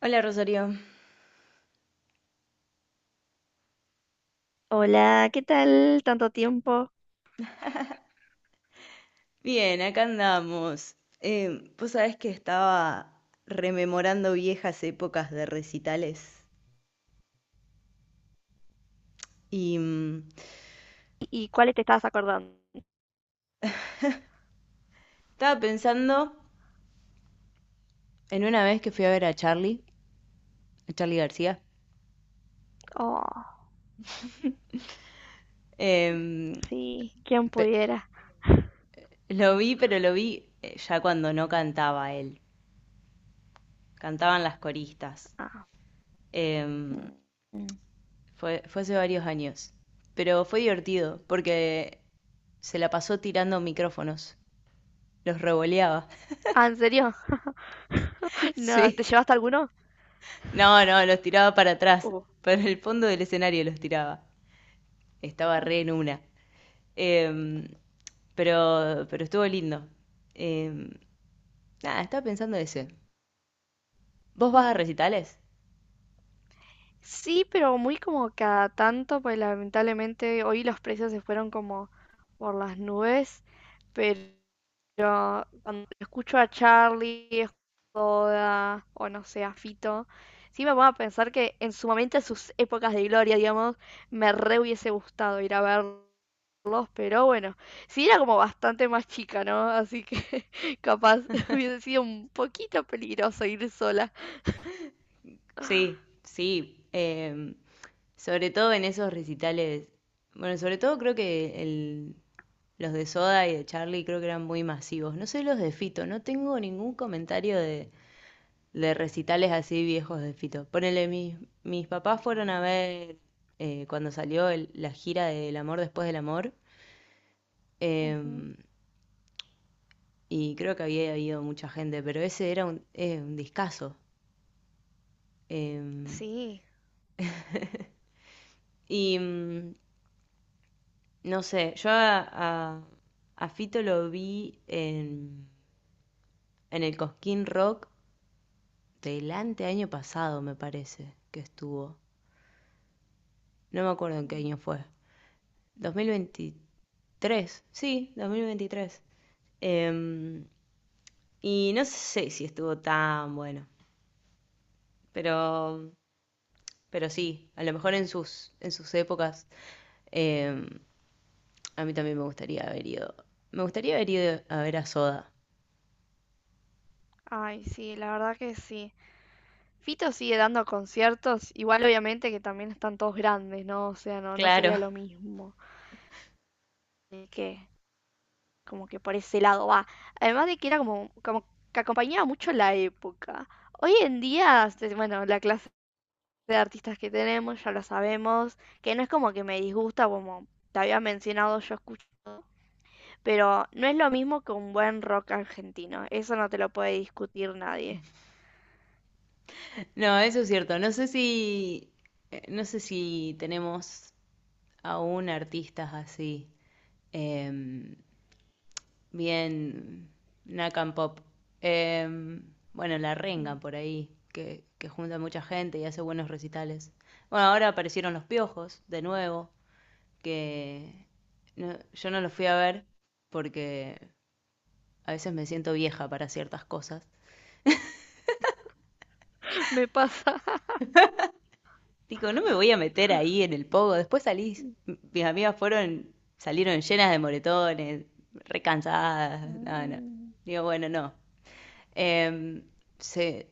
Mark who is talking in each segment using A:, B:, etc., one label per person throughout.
A: Hola, Rosario.
B: Hola, ¿qué tal? Tanto tiempo.
A: Bien, acá andamos. Vos sabés que estaba rememorando viejas épocas de recitales y
B: ¿Y cuáles te estabas acordando?
A: estaba pensando en una vez que fui a ver a Charlie García.
B: Oh,
A: Em,
B: sí, quién
A: pe-
B: pudiera.
A: lo vi, pero lo vi ya cuando no cantaba él, cantaban las coristas.
B: Ah,
A: Em,
B: mm, mm.
A: fue hace varios años, pero fue divertido porque se la pasó tirando micrófonos, los revoleaba.
B: Ah, ¿en serio? No, ¿te
A: Sí.
B: llevaste alguno?
A: No, no, los tiraba para atrás,
B: Uh.
A: para el fondo del escenario los tiraba. Estaba re en una. Em, pero estuvo lindo. Em, nada, estaba pensando ese. ¿Vos vas a
B: Mm.
A: recitales?
B: Sí, pero muy como cada tanto, pues lamentablemente hoy los precios se fueron como por las nubes, pero cuando escucho a Charlie, Joda o no sé, a Fito, sí me pongo a pensar que en su momento, en sus épocas de gloria, digamos, me re hubiese gustado ir a verlo. Dos, pero bueno, sí era como bastante más chica, ¿no? Así que capaz hubiese sido un poquito peligroso ir sola.
A: Sí, sí. Sobre todo en esos recitales. Bueno, sobre todo creo que los de Soda y de Charlie creo que eran muy masivos. No sé los de Fito, no tengo ningún comentario de recitales así viejos de Fito. Ponele, mis papás fueron a ver cuando salió la gira del amor después del amor.
B: Ujú.
A: em, y creo que había habido mucha gente, pero ese era un discazo. Em,
B: Sí.
A: y mm, no sé, a- a Fito lo vi en el Cosquín Rock del año pasado, me parece que estuvo. No me acuerdo en qué
B: Mm.
A: año fue. 2023, sí, 2023. Em, y no sé si estuvo tan bueno, pero, pero sí, a lo mejor en sus épocas, em, a mí también me gustaría haber ido. Me gustaría haber ido a ver a Soda.
B: Ay, sí, la verdad que sí. Fito sigue dando conciertos, igual obviamente que también están todos grandes, ¿no? O sea, no, no sería
A: Claro.
B: lo mismo. Así que, como que por ese lado va. Además de que era como, como que acompañaba mucho la época. Hoy en día, este, bueno, la clase de artistas que tenemos, ya lo sabemos, que no es como que me disgusta, como te había mencionado, yo escucho, pero no es lo mismo que un buen rock argentino, eso no te lo puede discutir nadie.
A: No, eso es cierto. No sé si tenemos aún artistas así. em, Bien, Nakan Pop. Bueno, La
B: Mm.
A: Renga por ahí, que junta mucha gente y hace buenos recitales. Bueno, ahora aparecieron Los Piojos, de nuevo, que yo no los fui a ver porque a veces me siento vieja para ciertas cosas.
B: Me pasa.
A: Digo, no me voy a meter ahí en el pogo. Después salí, mis amigas fueron, salieron llenas de moretones, recansadas. No, no.
B: Mm,
A: Digo, bueno, no. Em, se,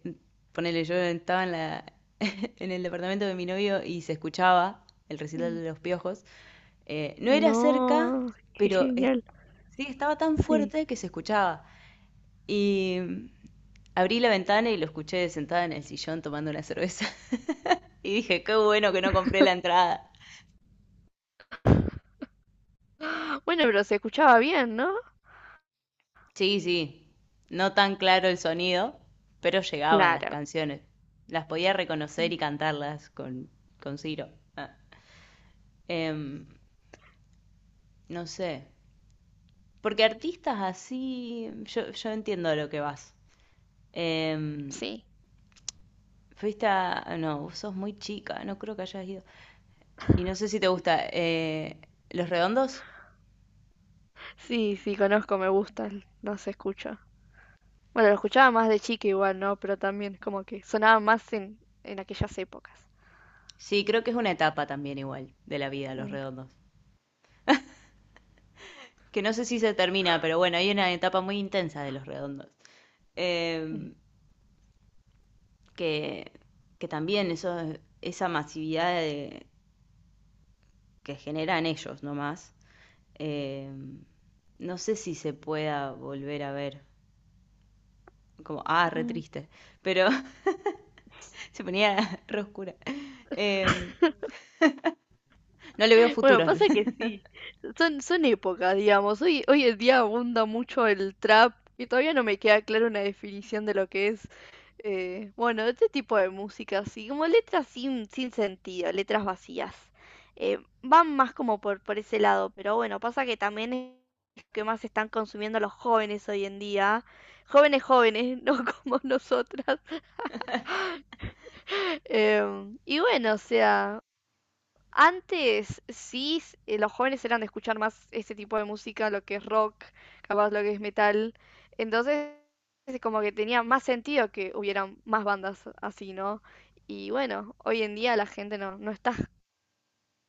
A: ponele, yo estaba en la, en el departamento de mi novio y se escuchaba el recital
B: mm.
A: de los piojos. No era cerca,
B: No, qué
A: pero
B: genial,
A: sí estaba tan
B: sí.
A: fuerte que se escuchaba. Y mm, abrí la ventana y lo escuché sentada en el sillón tomando una cerveza. Y dije, qué bueno que no compré la entrada.
B: Bueno, pero se escuchaba bien, ¿no?
A: Sí, sí, no tan claro el sonido, pero llegaban las
B: Claro,
A: canciones. Las podía reconocer
B: mm,
A: y cantarlas con Ciro. Ah. Em, no sé. Porque artistas así, yo entiendo a lo que vas. Em,
B: sí.
A: fuiste a... No, vos sos muy chica, no creo que hayas ido. Y no sé si te gusta. ¿Los redondos?
B: Sí, sí, conozco, me gusta, el- no se escucha. Bueno, lo escuchaba más de chica igual, ¿no? Pero también como que sonaba más en aquellas épocas.
A: Sí, creo que es una etapa también igual de la vida, los
B: Mm.
A: redondos. Que no sé si se termina, pero bueno, hay una etapa muy intensa de los redondos. Em, que, que también eso, esa masividad que generan ellos nomás eh, no sé si se pueda volver a ver. Como, ah, re
B: Mm.
A: triste. Pero se ponía re oscura. Em, no le veo
B: Bueno,
A: futuro.
B: pasa que sí, son épocas, digamos. Hoy, hoy en día abunda mucho el trap y todavía no me queda clara una definición de lo que es, bueno, este tipo de música, así como letras sin sentido, letras vacías. Van más como por ese lado, pero bueno, pasa que también es lo que más están consumiendo los jóvenes hoy en día, jóvenes jóvenes, no como nosotras. Y bueno, o sea... Antes sí, los jóvenes eran de escuchar más este tipo de música, lo que es rock, capaz lo que es metal. Entonces, es como que tenía más sentido que hubieran más bandas así, ¿no? Y bueno, hoy en día la gente no, no está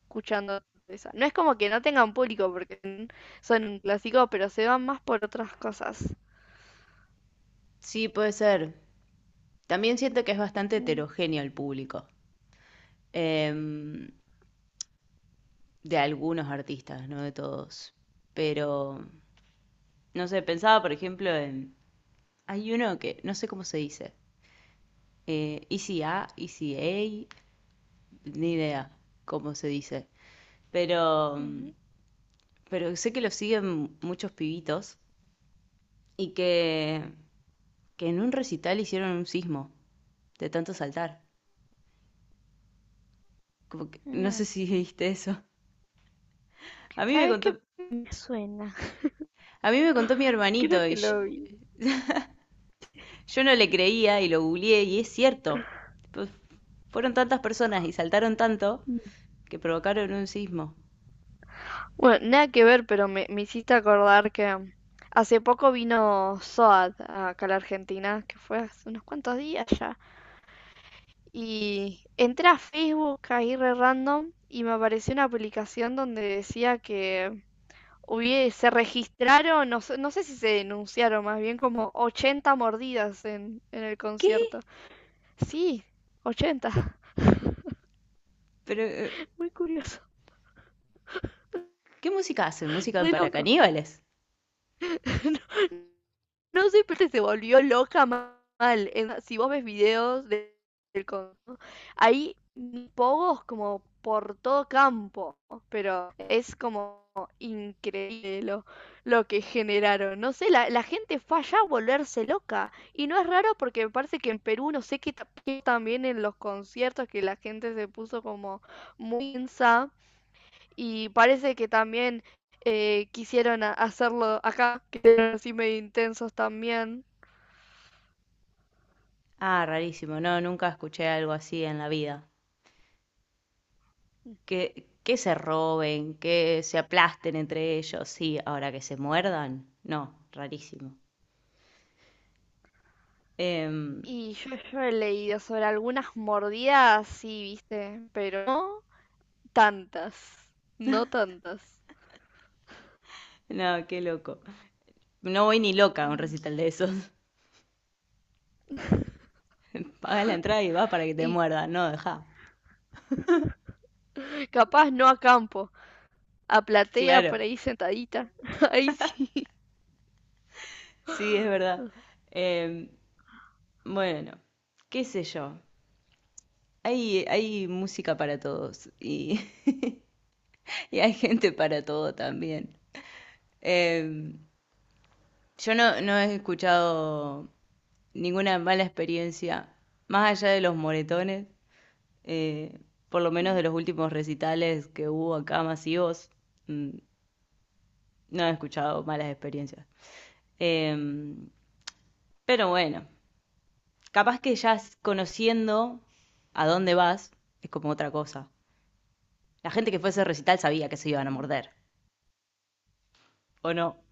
B: escuchando esa. No es como que no tengan público porque son un clásico, pero se van más por otras cosas.
A: Sí, puede ser. También siento que es bastante
B: Mm,
A: heterogéneo el público, em, de algunos artistas, no de todos. Pero, no sé, pensaba, por ejemplo, en... Hay uno que, no sé cómo se dice. Easy A, Easy A, ni idea cómo se dice. Pero
B: ujú,
A: pero sé que lo siguen muchos pibitos y que en un recital hicieron un sismo de tanto saltar. Como no sé
B: mm.
A: si viste eso. A mí me
B: ¿Sabes qué?
A: contó,
B: Me suena.
A: a mí me contó mi hermanito
B: Creo
A: y
B: que lo vi.
A: yo no le creía y lo googleé y es cierto. Pues, fueron tantas personas y saltaron tanto que provocaron un sismo.
B: Bueno, nada que ver, pero me hiciste acordar que hace poco vino SOAD acá a la Argentina, que fue hace unos cuantos días ya. Y entré a Facebook ahí re random y me apareció una publicación donde decía que hubie- se registraron, no sé, no sé si se denunciaron, más bien como 80 mordidas en el
A: ¿Qué?
B: concierto. Sí, 80.
A: Pero,
B: Muy curioso,
A: ¿qué música hacen? ¿Música
B: re
A: para
B: loco.
A: caníbales?
B: No sé, pero se volvió loca mal. En- si vos ves videos de- del Congo, hay pogos como por todo campo, pero es como increíble lo que generaron. No sé, la gente fue allá a volverse loca. Y no es raro porque me parece que en Perú, no sé qué ta- qué también en los conciertos que la gente se puso como muy insa y parece que también quisieron a- hacerlo acá, que eran así medio intensos también.
A: Ah, rarísimo. No, nunca escuché algo así en la vida. Que se roben, que se aplasten entre ellos, sí, ahora que se muerdan, no, rarísimo. Em,
B: Y yo he leído sobre algunas mordidas, sí, viste, pero no tantas, no tantas.
A: no, qué loco. No voy ni loca a un
B: Mm.
A: recital de esos. Paga la entrada y va para que te
B: Y
A: muerdan, no, deja.
B: capaz no a campo, a platea
A: Claro,
B: por ahí sentadita, ahí sí.
A: sí, es verdad. Em, bueno, qué sé yo. Hay música para todos y, y hay gente para todo también. Em, yo no, no he escuchado ninguna mala experiencia, más allá de los moretones, eh, por lo menos
B: Mm.
A: de los últimos recitales que hubo acá masivos, mm, no he escuchado malas experiencias. Em, pero bueno, capaz que ya conociendo a dónde vas, es como otra cosa. La gente que fue a ese recital sabía que se iban a morder, ¿o no?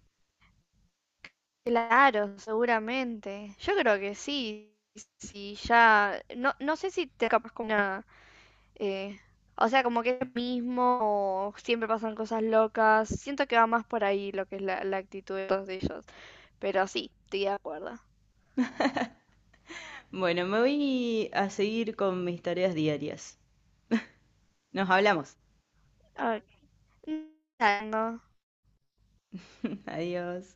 B: Claro, seguramente. Yo creo que sí. Si ya. No, no sé si te capaz con una Eh, o sea, como que es lo mismo, o siempre pasan cosas locas. Siento que va más por ahí lo que es la, la actitud de todos ellos. Pero sí, estoy de acuerdo.
A: Bueno, me voy a seguir con mis tareas diarias. Nos hablamos.
B: A ver, no,
A: Adiós.